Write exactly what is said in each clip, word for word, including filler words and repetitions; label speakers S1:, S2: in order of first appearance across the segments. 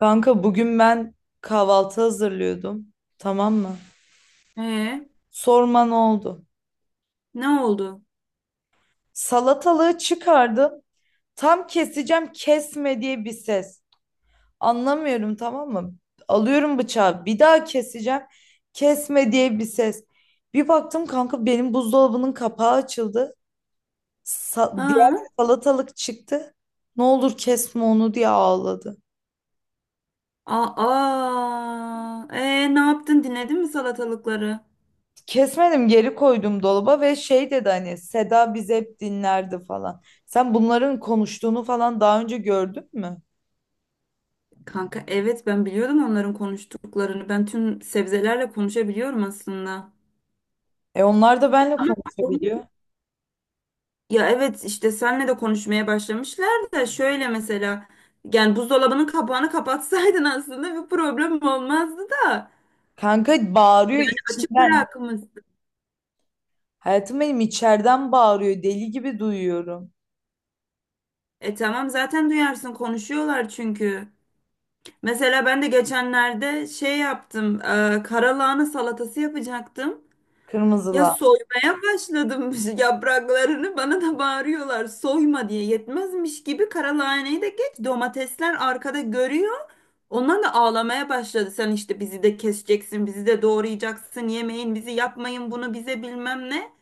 S1: Kanka bugün ben kahvaltı hazırlıyordum. Tamam mı?
S2: Ee,
S1: Sorma, ne oldu?
S2: ne oldu?
S1: Salatalığı çıkardım. Tam keseceğim, kesme diye bir ses. Anlamıyorum, tamam mı? Alıyorum bıçağı, bir daha keseceğim. Kesme diye bir ses. Bir baktım kanka, benim buzdolabının kapağı açıldı. Sa- diğer
S2: Ha?
S1: salatalık çıktı. Ne olur kesme onu diye ağladı.
S2: Aa, ee, ne yaptın? Dinledin mi salatalıkları?
S1: Kesmedim, geri koydum dolaba ve şey dedi, hani Seda bizi hep dinlerdi falan. Sen bunların konuştuğunu falan daha önce gördün mü?
S2: Kanka evet ben biliyordum onların konuştuklarını. Ben tüm sebzelerle konuşabiliyorum aslında.
S1: E, onlar da benimle
S2: Ama onun-
S1: konuşabiliyor.
S2: ya evet işte senle de konuşmaya başlamışlar da şöyle mesela yani buzdolabının kapağını kapatsaydın aslında bir problem olmazdı da.
S1: Kanka bağırıyor
S2: Yani açık
S1: içinden.
S2: bırakmışsın.
S1: Hayatım benim içeriden bağırıyor. Deli gibi duyuyorum.
S2: E tamam zaten duyarsın konuşuyorlar çünkü. Mesela ben de geçenlerde şey yaptım, e, karalahana salatası yapacaktım. Ya
S1: Kırmızılar.
S2: soymaya başladım yapraklarını bana da bağırıyorlar soyma diye yetmezmiş gibi karalahaneyi de geç domatesler arkada görüyor. Onlar da ağlamaya başladı. Sen işte bizi de keseceksin, bizi de doğrayacaksın, yemeyin bizi yapmayın bunu bize bilmem ne.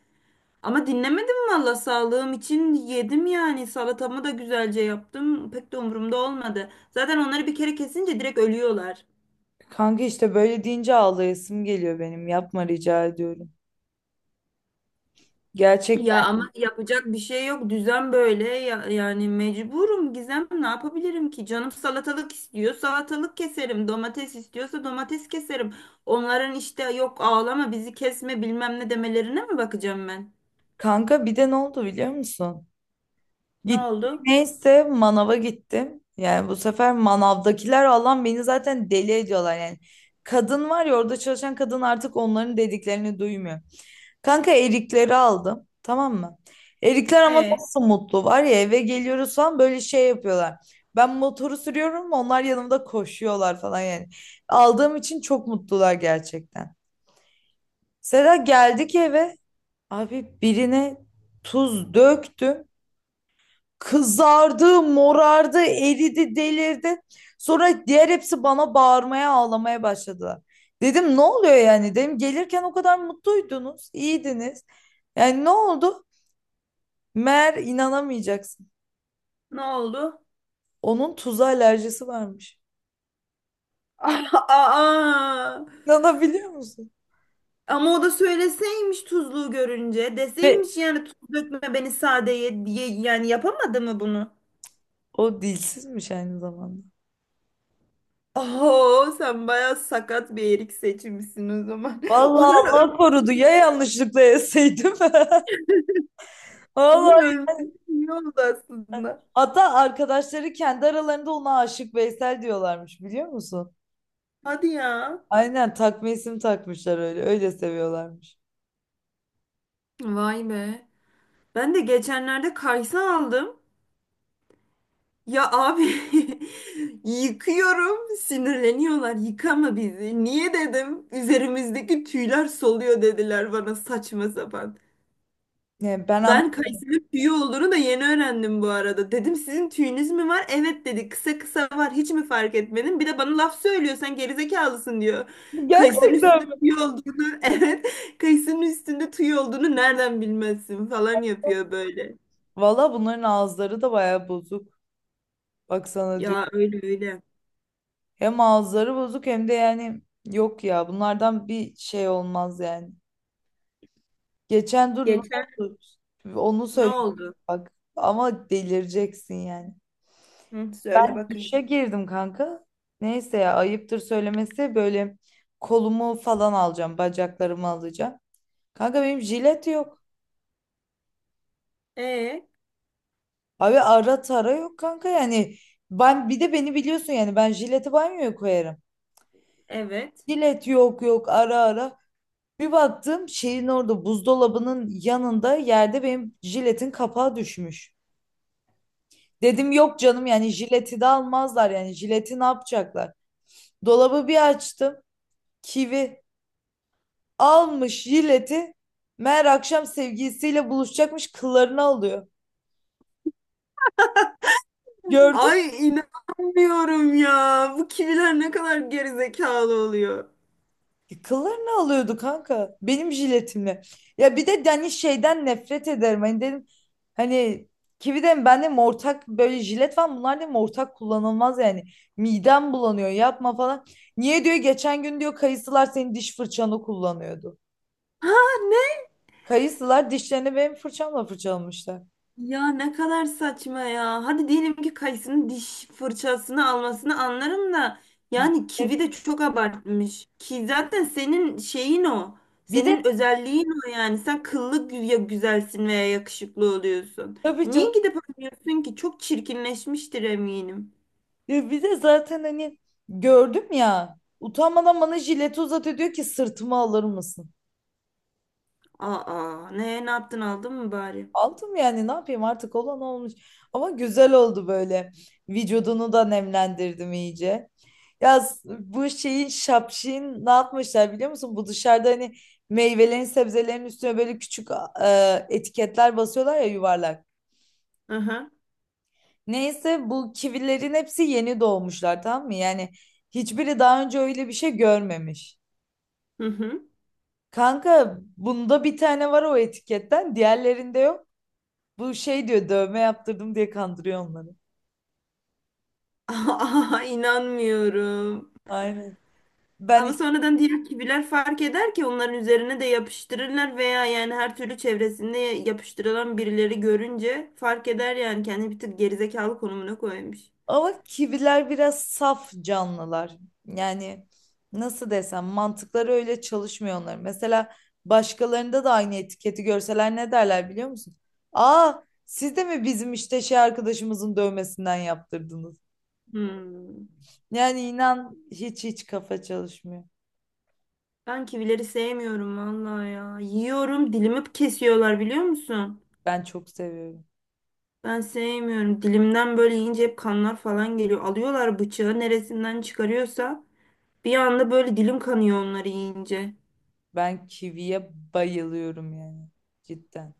S2: Ama dinlemedim valla sağlığım için yedim yani salatamı da güzelce yaptım pek de umurumda olmadı. Zaten onları bir kere kesince direkt ölüyorlar.
S1: Kanka işte böyle deyince ağlayasım geliyor benim. Yapma, rica ediyorum. Gerçekten.
S2: Ya ama yapacak bir şey yok. Düzen böyle. Ya- yani mecburum Gizem. Ne yapabilirim ki? Canım salatalık istiyor. Salatalık keserim. Domates istiyorsa domates keserim. Onların işte yok ağlama bizi kesme bilmem ne demelerine mi bakacağım ben?
S1: Kanka bir de ne oldu biliyor musun?
S2: Ne
S1: Gittim,
S2: oldu?
S1: neyse, manava gittim. Yani bu sefer manavdakiler, Allah'ım, beni zaten deli ediyorlar yani. Kadın var ya, orada çalışan kadın artık onların dediklerini duymuyor. Kanka erikleri aldım, tamam mı? Erikler ama
S2: E
S1: nasıl mutlu, var ya eve geliyoruz falan böyle şey yapıyorlar. Ben motoru sürüyorum, onlar yanımda koşuyorlar falan yani. Aldığım için çok mutlular gerçekten. Sera, geldik eve, abi birine tuz döktüm. Kızardı, morardı, eridi, delirdi. Sonra diğer hepsi bana bağırmaya, ağlamaya başladılar. Dedim ne oluyor yani? Dedim gelirken o kadar mutluydunuz, iyiydiniz. Yani ne oldu? Meğer inanamayacaksın.
S2: ne oldu?
S1: Onun tuza alerjisi varmış.
S2: Aa!
S1: İnanabiliyor musun?
S2: Ama o da söyleseymiş tuzluğu görünce.
S1: Ve
S2: Deseymiş yani tuz dökme beni sade ye, ye- yani yapamadı mı bunu?
S1: o dilsizmiş aynı zamanda.
S2: Oo, sen bayağı sakat bir erik seçmişsin o zaman.
S1: Vallahi
S2: Onun öl
S1: Allah korudu ya, yanlışlıkla yeseydim.
S2: onun
S1: Vallahi
S2: ölmesi iyi oldu aslında.
S1: hatta arkadaşları kendi aralarında ona aşık Veysel diyorlarmış, biliyor musun?
S2: Hadi ya.
S1: Aynen, takma isim takmışlar öyle. Öyle seviyorlarmış.
S2: Vay be. Ben de geçenlerde kaysa aldım. Ya abi yıkıyorum. Sinirleniyorlar. Yıkama bizi. Niye dedim? Üzerimizdeki tüyler soluyor dediler bana saçma sapan.
S1: Yani ben
S2: Ben
S1: anlamadım.
S2: kayısının tüyü olduğunu da yeni öğrendim bu arada. Dedim sizin tüyünüz mü var? Evet dedi. Kısa kısa var. Hiç mi fark etmedin? Bir de bana laf söylüyor. Sen gerizekalısın diyor. Kayısının üstünde
S1: Gerçekten mi?
S2: tüy olduğunu, evet. Kayısının üstünde tüy olduğunu nereden bilmezsin falan yapıyor böyle.
S1: Valla bunların ağızları da bayağı bozuk. Baksana diyor.
S2: Ya öyle öyle.
S1: Hem ağızları bozuk hem de, yani, yok ya, bunlardan bir şey olmaz yani. Geçen, dur ne
S2: Geçen
S1: oldu? Onu
S2: ne
S1: söyle
S2: oldu?
S1: bak. Ama delireceksin yani.
S2: Hı, söyle bakayım.
S1: Duşa girdim kanka. Neyse ya, ayıptır söylemesi, böyle kolumu falan alacağım, bacaklarımı alacağım. Kanka benim jilet yok.
S2: Ee,
S1: Abi ara tara yok kanka, yani ben, bir de beni biliyorsun, yani ben jileti banyoya koyarım.
S2: evet.
S1: Jilet yok yok, ara ara. Bir baktım şeyin orada, buzdolabının yanında yerde benim jiletin kapağı düşmüş. Dedim yok canım, yani jileti de almazlar, yani jileti ne yapacaklar? Dolabı bir açtım, kivi almış jileti, meğer akşam sevgilisiyle buluşacakmış, kıllarını alıyor. Gördün.
S2: Ay inanmıyorum ya. Bu kiviler ne kadar gerizekalı oluyor.
S1: E, kıllarını alıyordu kanka. Benim jiletimle. Ya bir de hani şeyden nefret ederim. Hani dedim, hani kivi de ben de ortak böyle jilet var. Bunlar dedim ortak kullanılmaz yani. Midem bulanıyor, yapma falan. Niye diyor, geçen gün diyor kayısılar senin diş fırçanı kullanıyordu.
S2: Ha ne?
S1: Kayısılar dişlerini benim fırçamla fırçalamışlar.
S2: Ya ne kadar saçma ya. Hadi diyelim ki kayısının diş fırçasını almasını anlarım da yani
S1: Evet.
S2: kivi de çok abartmış. Ki zaten senin şeyin o.
S1: Bir de
S2: Senin özelliğin o yani. Sen kıllı gü- ya güzelsin veya yakışıklı oluyorsun.
S1: tabii canım,
S2: Niye gidip alıyorsun ki? Çok çirkinleşmiştir eminim.
S1: ya bir de zaten hani gördüm ya, utanmadan bana jileti uzatıyor, diyor ki sırtıma alır mısın?
S2: Aa, ne ne yaptın aldın mı bari?
S1: Aldım, yani ne yapayım, artık olan olmuş. Ama güzel oldu böyle. Vücudunu da nemlendirdim iyice. Ya s- bu şeyin şapşin ne yapmışlar biliyor musun? Bu dışarıda hani meyvelerin sebzelerin üstüne böyle küçük, e, etiketler basıyorlar ya, yuvarlak.
S2: Aha.
S1: Neyse bu kivilerin hepsi yeni doğmuşlar, tamam mı? Yani hiçbiri daha önce öyle bir şey görmemiş.
S2: Hı hı. Hı.
S1: Kanka bunda bir tane var o etiketten, diğerlerinde yok. Bu şey diyor dövme yaptırdım diye kandırıyor onları.
S2: Aa, inanmıyorum.
S1: Aynen. Ben
S2: Ama
S1: hiç-
S2: sonradan diğer kiviler fark eder ki onların üzerine de yapıştırırlar veya yani her türlü çevresinde yapıştırılan birileri görünce fark eder yani kendi bir tık gerizekalı konumuna koymuş.
S1: Ama kiviler biraz saf canlılar. Yani nasıl desem, mantıkları öyle çalışmıyor onların. Mesela başkalarında da aynı etiketi görseler ne derler biliyor musun? Aa, siz de mi bizim işte şey arkadaşımızın dövmesinden yaptırdınız?
S2: Hmm.
S1: Yani inan hiç hiç kafa çalışmıyor.
S2: Ben kivileri sevmiyorum vallahi ya. Yiyorum dilimi kesiyorlar biliyor musun?
S1: Ben çok seviyorum.
S2: Ben sevmiyorum. Dilimden böyle yiyince hep kanlar falan geliyor. Alıyorlar bıçağı neresinden çıkarıyorsa bir anda böyle dilim kanıyor onları yiyince.
S1: Ben kiviye bayılıyorum yani, cidden.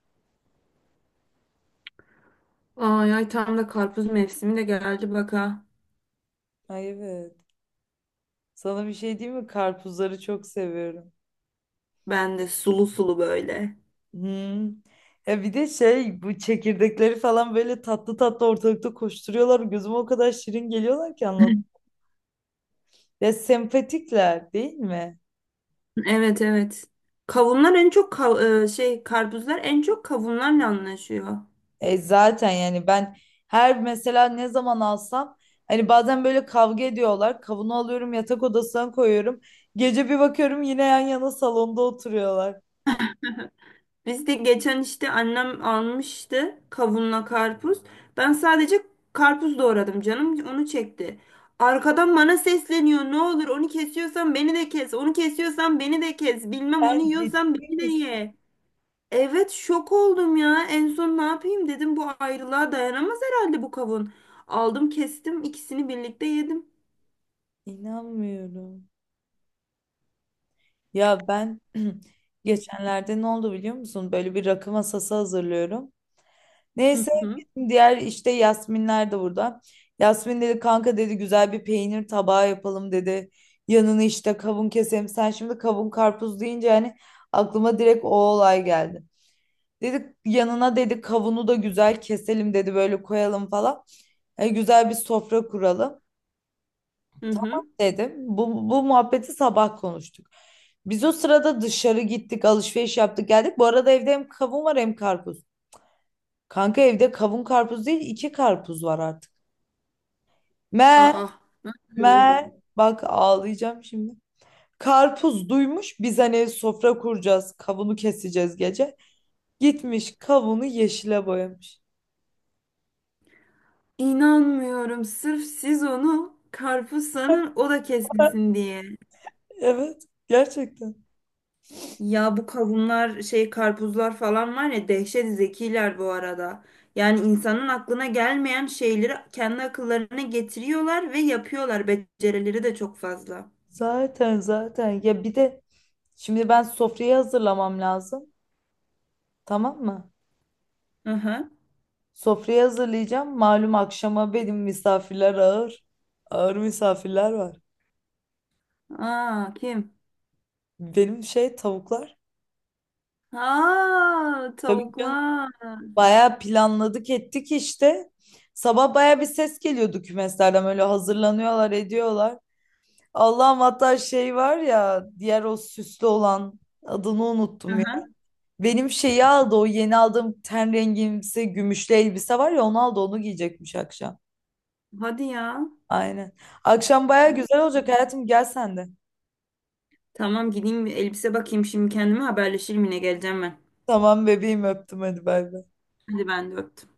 S2: Ay ay tam da karpuz mevsimi de geldi bak ha.
S1: Ay evet. Sana bir şey diyeyim mi? Karpuzları çok seviyorum.
S2: Ben de sulu sulu böyle.
S1: Hmm. Ya bir de şey, bu çekirdekleri falan böyle tatlı tatlı ortalıkta koşturuyorlar. Gözüme o kadar şirin geliyorlar ki, anlat. Ya sempatikler değil mi?
S2: Evet evet. Kavunlar en çok kav- e, şey karpuzlar en çok kavunlarla anlaşıyor.
S1: E zaten yani ben her, mesela ne zaman alsam hani, bazen böyle kavga ediyorlar. Kavunu alıyorum yatak odasına koyuyorum. Gece bir bakıyorum yine yan yana salonda oturuyorlar.
S2: Biz de geçen işte annem almıştı kavunla karpuz. Ben sadece karpuz doğradım canım onu çekti. Arkadan bana sesleniyor. Ne olur onu kesiyorsan beni de kes. Onu kesiyorsan beni de kes. Bilmem onu
S1: Ben, ciddi
S2: yiyorsan beni de
S1: misin?
S2: ye. Evet şok oldum ya. En son ne yapayım dedim bu ayrılığa dayanamaz herhalde bu kavun. Aldım kestim ikisini birlikte yedim.
S1: İnanmıyorum. Ya ben
S2: Hı
S1: geçenlerde ne oldu biliyor musun? Böyle bir rakı masası hazırlıyorum. Neyse
S2: hı.
S1: bizim diğer işte Yasminler de burada. Yasmin dedi kanka dedi, güzel bir peynir tabağı yapalım dedi. Yanını işte kavun keselim. Sen şimdi kavun karpuz deyince yani aklıma direkt o olay geldi. Dedi yanına dedi kavunu da güzel keselim dedi, böyle koyalım falan. E, güzel bir sofra kuralım
S2: Hı hı.
S1: dedim. Bu, bu muhabbeti sabah konuştuk. Biz o sırada dışarı gittik, alışveriş yaptık geldik. Bu arada evde hem kavun var hem karpuz. Kanka evde kavun karpuz değil, iki karpuz var artık. Men,
S2: Aa, nasıl oldu?
S1: men. Bak ağlayacağım şimdi. Karpuz duymuş biz hani sofra kuracağız. Kavunu keseceğiz gece. Gitmiş kavunu yeşile boyamış.
S2: İnanmıyorum. Sırf siz onu karpuz sanın, o da kesilsin diye.
S1: Evet, gerçekten.
S2: Ya bu kavunlar, şey karpuzlar falan var ya dehşet zekiler bu arada. Yani insanın aklına gelmeyen şeyleri kendi akıllarına getiriyorlar ve yapıyorlar. Becerileri de çok fazla.
S1: Zaten zaten. Ya bir de şimdi ben sofrayı hazırlamam lazım. Tamam mı?
S2: Hı hı.
S1: Sofrayı hazırlayacağım. Malum akşama benim misafirler ağır. Ağır misafirler var.
S2: Aa, kim?
S1: Benim şey, tavuklar.
S2: Aa,
S1: Tabii canım.
S2: tavuklar.
S1: Bayağı planladık ettik işte. Sabah bayağı bir ses geliyordu kümeslerden, böyle hazırlanıyorlar ediyorlar. Allah'ım, hatta şey var ya diğer o süslü olan, adını
S2: Hı
S1: unuttum ya.
S2: hı.
S1: Benim şeyi aldı, o yeni aldığım ten rengimsi gümüşlü elbise var ya, onu aldı, onu giyecekmiş akşam.
S2: Hadi ya.
S1: Aynen. Akşam bayağı güzel olacak, hayatım gel sen de.
S2: Tamam gideyim bir elbise bakayım şimdi kendime haberleşirim yine geleceğim ben.
S1: Tamam bebeğim, öptüm, hadi bay bay.
S2: Hadi ben de öptüm.